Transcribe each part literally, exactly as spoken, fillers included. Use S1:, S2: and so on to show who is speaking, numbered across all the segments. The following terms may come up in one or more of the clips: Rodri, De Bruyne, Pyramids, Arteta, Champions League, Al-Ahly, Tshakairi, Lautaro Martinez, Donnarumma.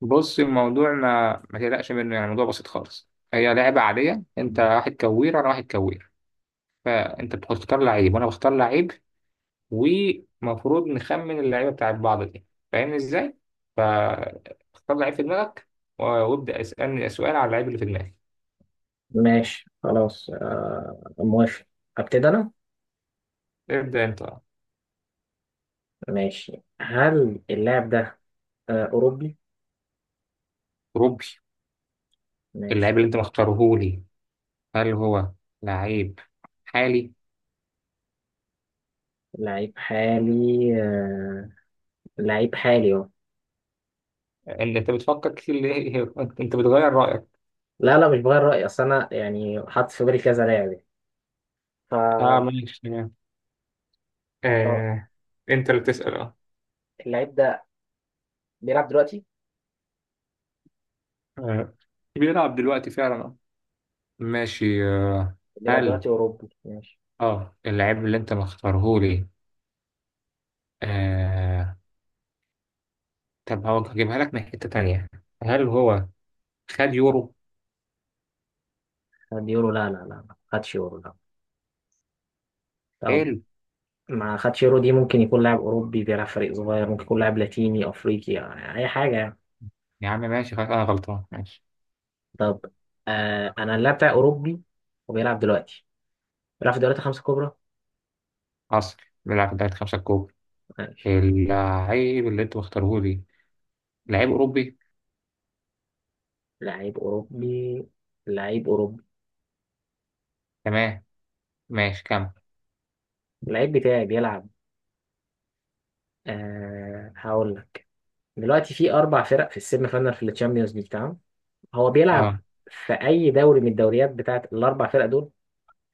S1: بص، الموضوع ما ما تقلقش منه، يعني الموضوع بسيط خالص، هي لعبة عادية، انت واحد كوير، انا واحد كوير. فانت بتختار لعيب، وانا بختار لعيب، ومفروض نخمن اللعيبة بتاعت بعض دي. فاهمني ازاي؟ فاختار لعيب في دماغك، و- وابدأ اسألني سؤال على اللعيب اللي في دماغي.
S2: ماشي خلاص، آه موافق. ابتدي انا.
S1: ابدأ انت.
S2: ماشي، هل اللاعب ده آه اوروبي؟
S1: روبي. اللعيب
S2: ماشي.
S1: اللي انت مختاره لي، هل هو لعيب حالي؟
S2: لعيب حالي، آه، لعيب حالي اهو.
S1: ان انت بتفكر كتير ليه؟ انت بتغير رأيك.
S2: لا، لا، مش بغير رأيي، اصل انا يعني حاطط في بالي كذا لاعب يعني.
S1: اه،
S2: ف
S1: ماشي، تمام.
S2: طب،
S1: آه، انت اللي بتسأل. اه.
S2: اللعيب ده بيلعب دلوقتي،
S1: آه، بيلعب دلوقتي فعلا. آه. ماشي. آه،
S2: بيلعب دلوقتي
S1: هل
S2: اوروبي؟ ماشي.
S1: اه اللعيب اللي انت مختاره لي، آه طب هو هجيبها لك من حتة تانية. هل هو خد يورو؟
S2: خد يورو؟ لا لا لا، ما خدش يورو، لا. طب،
S1: حلو.
S2: ما خدش يورو، دي ممكن يكون لاعب اوروبي بيلعب فريق صغير، ممكن يكون لاعب لاتيني افريقي، يعني اي حاجة يعني.
S1: يا عم ماشي، خلاص انا غلطان. ماشي.
S2: طب، آه انا اللاعب بتاعي اوروبي وبيلعب دلوقتي، بيلعب في الدوريات الخمسة الكبرى.
S1: حصل. بيلعب في دوري خمسة الكبرى.
S2: ماشي،
S1: اللعيب اللي انت مختاره لي لعيب اوروبي.
S2: لعيب اوروبي، لعيب اوروبي.
S1: تمام. ماشي، كمل.
S2: اللعيب بتاعي بيلعب، آه هقول لك، دلوقتي في اربع فرق في السيمي فاينال في الشامبيونز ليج، تمام؟ هو بيلعب
S1: اه،
S2: في اي دوري من الدوريات بتاعت الاربع فرق دول؟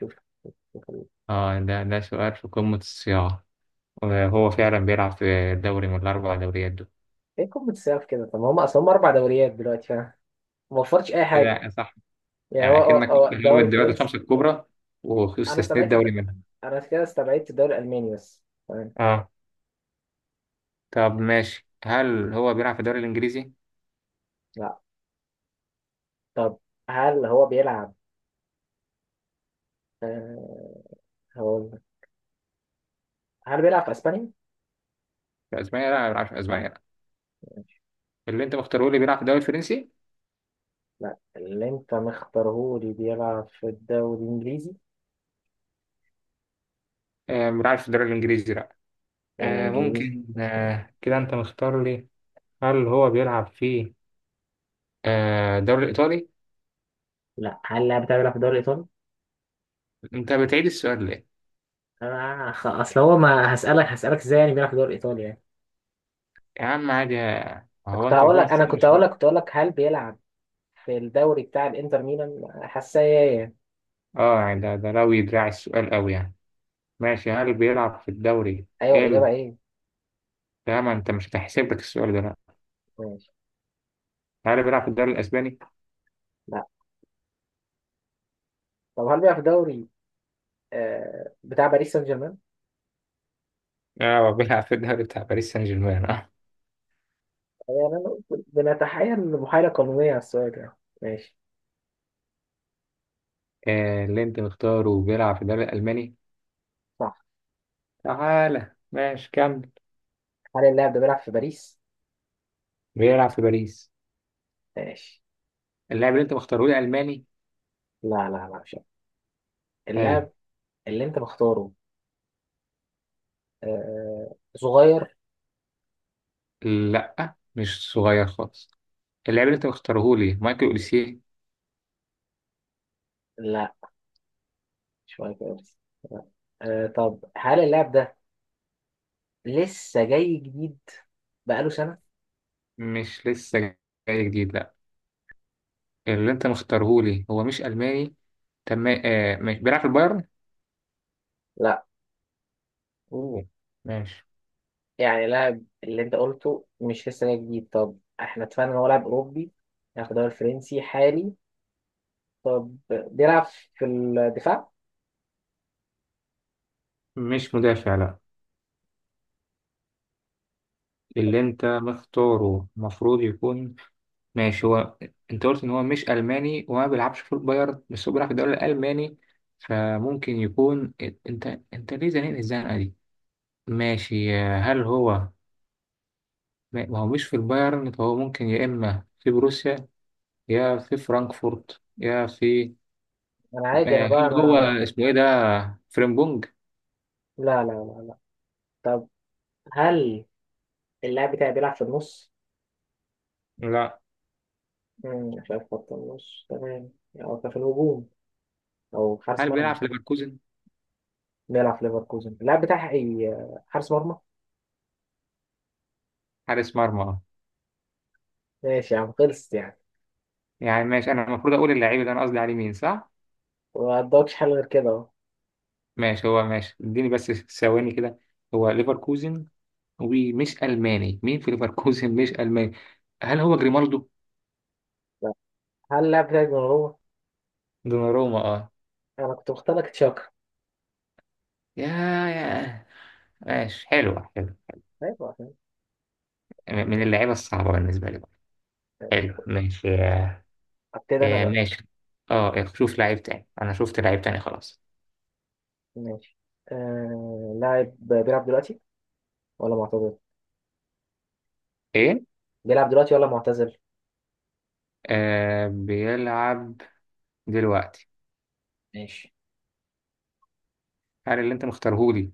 S2: شوف، شوف.
S1: اه، ده ده سؤال في قمة الصياغة، وهو فعلا بيلعب في دوري من الأربع دوريات دول.
S2: ايه؟ قمة السقف كده. طب ما هم اصلا هم اربع دوريات دلوقتي، فاهم؟ ما وفرتش اي
S1: إيه
S2: حاجة.
S1: ده، صح.
S2: يعني
S1: يعني
S2: هو هو
S1: أكنك قلت
S2: هو
S1: إن هو من
S2: الدوري
S1: الدوريات
S2: الفرنسي.
S1: الخمسة الكبرى،
S2: انا
S1: واستثنيت
S2: سمعت
S1: دوري
S2: الد...
S1: منها.
S2: انا كده استبعدت الدوري الالماني بس، تمام.
S1: اه، طب ماشي، هل هو بيلعب في الدوري الإنجليزي؟
S2: طب هل هو بيلعب، آه هقول لك. هل بيلعب في اسبانيا؟
S1: في أسبانيا؟ لا، ما بيلعبش في أسبانيا، لا. اللي أنت مختاره لي بيلعب في الدوري الفرنسي؟
S2: لا، اللي انت مختارهولي بيلعب في الدوري الانجليزي؟
S1: آه، ما بيلعبش في الدوري الإنجليزي، لا.
S2: يعني
S1: آه،
S2: انجليزي
S1: ممكن.
S2: اسباني؟
S1: آه كده أنت مختار لي. هل هو بيلعب في آه الدوري الإيطالي؟
S2: لا، هل اللاعب بتاعي بيلعب في الدوري الايطالي؟
S1: أنت بتعيد السؤال ليه؟
S2: آه خ- اصل هو ما هسألك هسألك ازاي يعني بيلعب في الدوري الايطالي يعني.
S1: يا عم عادي. آه، هو
S2: كنت
S1: أنت
S2: هقول لك
S1: المفروض ما
S2: انا كنت
S1: تسألش
S2: هقول
S1: بقى.
S2: لك كنت هقول لك هل بيلعب في الدوري بتاع الانتر ميلان، حساسية.
S1: اه، يعني ده ده لو يدراع السؤال قوي يعني. ماشي، هل بيلعب في الدوري
S2: ايوه، الاجابة
S1: ال
S2: ايه؟
S1: ده، ما أنت مش هتحسب لك السؤال ده، لا.
S2: ماشي.
S1: هل بيلعب في الدوري الاسباني؟
S2: لا، طب هل بيلعب في الدوري آه بتاع باريس سان جيرمان؟
S1: اه، بيلعب في الدوري بتاع باريس سان جيرمان، اه.
S2: يعني انا بنتحايل محايلة قانونية على السؤال، يعني ماشي.
S1: آه، اللي انت مختاره بيلعب في الدوري الالماني.
S2: صح.
S1: تعالى ماشي، كمل.
S2: هل اللاعب ده بيلعب في باريس؟
S1: بيلعب في باريس.
S2: ماشي.
S1: اللاعب اللي انت مختاره لي الماني.
S2: لا لا لا، مش عارف.
S1: حلو.
S2: اللاعب اللي انت مختاره آه صغير؟
S1: لا، مش صغير خالص. اللاعب اللي انت مختاره لي مايكل اوليسيه.
S2: لا، مش مايكل أوين. آه، طب هل اللاعب ده لسه جاي جديد؟ بقاله سنة؟
S1: مش لسه جاي جديد، لا. اللي انت مختاره لي هو مش الماني. تمام. آه مش بيلعب في البايرن.
S2: لا،
S1: اوه، ماشي.
S2: يعني اللاعب اللي انت قلته مش لسه جاي جديد. طب احنا اتفقنا ان هو لاعب اوروبي، لاعب في الدوري الفرنسي، حالي. طب بيلعب في الدفاع؟
S1: مش مدافع، لا. اللي انت مختاره المفروض يكون. ماشي، هو، انت قلت ان هو مش الماني وما بيلعبش في البايرن، بس هو بيلعب في الدوري الالماني، فممكن يكون. انت انت ليه زنقني الزنقه دي؟ ماشي، هل هو، ما ما هو مش في البايرن، فهو ممكن يا اما في بروسيا، يا في فرانكفورت، يا في.
S2: انا عادي، انا
S1: آه،
S2: بقى
S1: هل هو
S2: انا.
S1: اسمه ايه ده، فريمبونج؟
S2: لا لا لا لا. طب هل اللاعب بتاعي بيلعب في النص؟
S1: لا.
S2: مم، مش عارف خط النص، تمام، أو في الهجوم، أو حارس
S1: هل
S2: مرمى.
S1: بيلعب في ليفركوزن؟
S2: نلعب في ليفركوزن، اللاعب بتاعها إيه؟ حارس مرمى.
S1: حارس مرمى.
S2: ماشي يا عم، خلصت يعني.
S1: يعني ماشي، انا المفروض اقول اللعيب اللي انا قصدي عليه مين، صح.
S2: ما قدامكش حل غير كده أهو.
S1: ماشي، هو ماشي، اديني بس ثواني كده. هو ليفركوزن، ومش ألماني، مين في ليفركوزن مش ألماني؟ هل هو جريمالدو؟
S2: لا. هل اللاعب بتاعك دوناروما؟
S1: دوناروما، اه.
S2: أنا كنت مختار لك تشاكا.
S1: يا يا ماشي، حلوة حلوة.
S2: أيوة، عشان-
S1: م- من اللعيبة الصعبة بالنسبة لي برضه.
S2: ماشي.
S1: حلو ماشي. آه،
S2: أبتدي أنا
S1: آه،
S2: بقى.
S1: ماشي. اه، آه، شوف لعيب تاني، أنا شفت لعيب تاني خلاص.
S2: ماشي، آه... لاعب بيلعب دلوقتي ولا معتزل؟
S1: إيه؟
S2: بيلعب دلوقتي ولا معتزل؟
S1: آه، بيلعب دلوقتي.
S2: ماشي.
S1: هل اللي أنت مختارهولي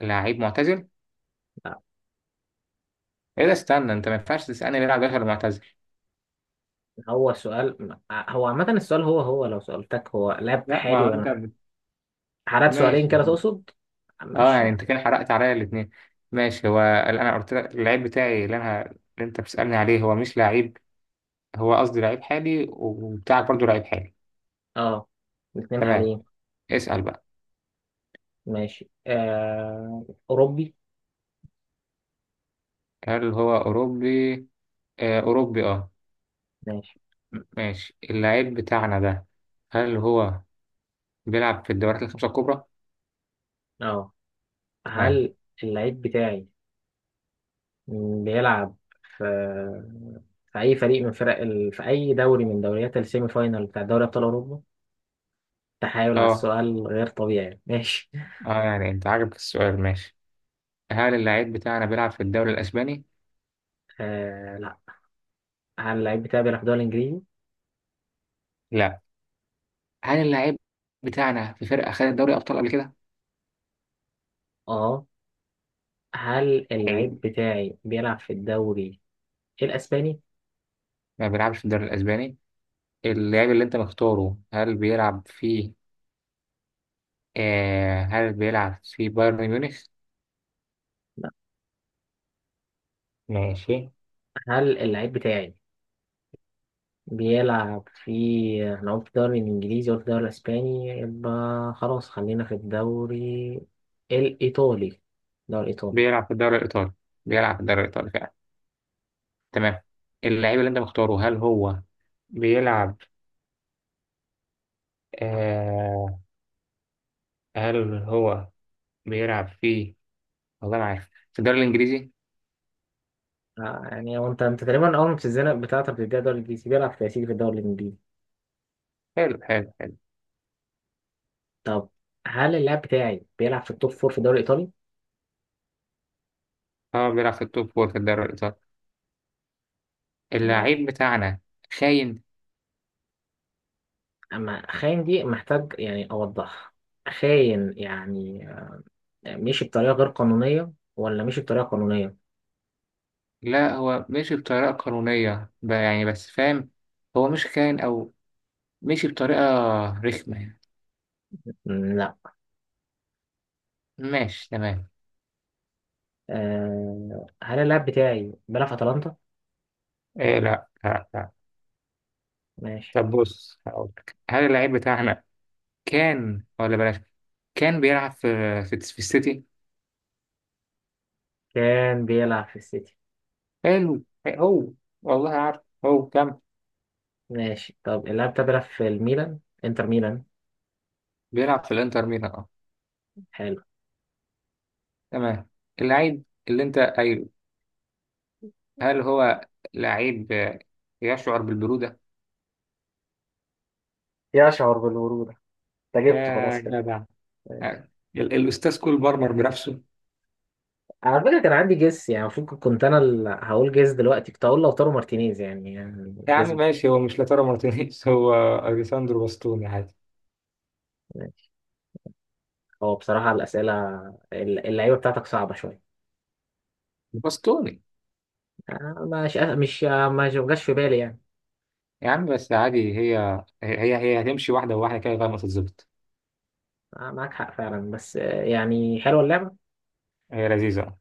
S1: لعيب معتزل؟
S2: لا.
S1: إيه ده، استنى، أنت ما ينفعش تسألني بيلعب دلوقتي ولا معتزل.
S2: هو سؤال، هو عامة السؤال، هو هو لو سألتك هو لاعب
S1: لا، ما
S2: حالي
S1: هو أنت
S2: ولا
S1: بت-
S2: حالات سؤالين
S1: ماشي.
S2: كده تقصد؟
S1: اه،
S2: ماشي.
S1: يعني انت كده حرقت عليا الاثنين. ماشي، هو اللي انا قلت لك اللعيب بتاعي، اللي انا اللي انت بتسألني عليه، هو مش لعيب، هو قصدي لعيب حالي، وبتاعك برضو لعيب حالي.
S2: اه، الاثنين
S1: تمام.
S2: حاليين.
S1: اسأل بقى.
S2: ماشي، آه أوروبي؟
S1: هل هو اوروبي؟ آه، اوروبي، اه.
S2: ماشي.
S1: ماشي. اللعيب بتاعنا ده، هل هو بيلعب في الدوريات الخمسة الكبرى؟
S2: اه،
S1: تمام.
S2: هل اللعيب بتاعي بيلعب في في أي فريق من فرق ال... في أي دوري من دوريات السيمي فاينال بتاع دوري أبطال أوروبا؟ تحايل على
S1: اه،
S2: السؤال غير طبيعي. ماشي.
S1: اه، يعني انت عاجبك السؤال، ماشي. هل اللعيب بتاعنا بيلعب في الدوري الاسباني؟
S2: آه، لا. هل اللعيب بتاعي بيلعب في الدوري الإنجليزي؟
S1: لا. هل اللعيب بتاعنا في فرقة خدت دوري ابطال قبل كده؟
S2: اه، هل
S1: حلو.
S2: اللعيب بتاعي بيلعب في الدوري الإسباني؟
S1: ما بيلعبش في الدوري الاسباني. اللاعب اللي انت مختاره، هل بيلعب في آه هل بيلعب في بايرن ميونخ؟
S2: لا،
S1: ماشي.
S2: هل اللعيب بتاعي بيلعب في؟ احنا قلت الدوري الإنجليزي، قلت الدوري الأسباني، يبقى خلاص، خلينا في الدوري الإيطالي. الدوري الإيطالي.
S1: بيلعب في الدوري الإيطالي. بيلعب في الدوري الإيطالي فعلا. تمام. اللاعب اللي أنت مختاره، هل هو بيلعب، آه هل هو بيلعب في، والله ما عارف، في الدوري الإنجليزي؟
S2: آه، يعني هو أنت أنت تقريبا أول ما بتتزنق بتاعتك بتديها الدوري الإنجليزي، بيلعب في تأثير في الدوري الإنجليزي.
S1: حلو، حلو، حلو.
S2: طب هل اللاعب بتاعي بيلعب في التوب فور في الدوري الإيطالي؟
S1: هو بيلعب في التوب فور في الدوري الإيطالي.
S2: ماشي.
S1: اللاعب بتاعنا خاين.
S2: أما خاين دي محتاج يعني أوضحها. خاين يعني، آه، مشي بطريقة غير قانونية ولا مشي بطريقة قانونية؟
S1: لا، هو مشي بطريقة قانونية، ب- يعني بس فاهم، هو مش خاين، أو مشي بطريقة رخمة يعني.
S2: م، لا.
S1: ماشي تمام.
S2: آه هل اللاعب بتاعي بيلعب في أتلانتا؟
S1: إيه، لا، لا، لا.
S2: ماشي.
S1: طب بص هقولك، هل اللعيب بتاعنا كان، ولا بلاش، كان بيلعب في في, في السيتي.
S2: كان بيلعب في السيتي.
S1: حلو. إيه هو، والله عارف هو كان.
S2: ماشي، طب اللاعب ده بيلعب في الميلان؟ انتر ميلان.
S1: بيلعب في الانتر ميلان، اه.
S2: حلو.
S1: تمام. اللعيب اللي انت قايله، هل هو لعيب آه، يشعر بالبرودة؟
S2: يشعر بالبرودة؟ انت جبته خلاص
S1: يا
S2: كده.
S1: جدع.
S2: ماشي.
S1: آه، ال- الأستاذ كول بارمر بنفسه.
S2: على فكرة كان عندي جيس، يعني المفروض كنت انا اللي هقول جيس دلوقتي، كنت هقول لوتارو مارتينيز، يعني يعني
S1: يا
S2: جيس
S1: عم
S2: ب-
S1: ماشي، هو مش لاتارو مارتينيز، هو أليساندرو باستوني، عادي.
S2: ماشي. هو بصراحة الأسئلة ال- اللعيبة بتاعتك صعبة شوية.
S1: باستوني.
S2: آه، مش مش آه، ما جاش في بالي يعني.
S1: يا عم بس عادي، هي هي هي هتمشي واحدة واحدة كده لغاية ما تتظبط.
S2: آه، معاك حق فعلا، بس آه، يعني حلوة اللعبة.
S1: هي لذيذة.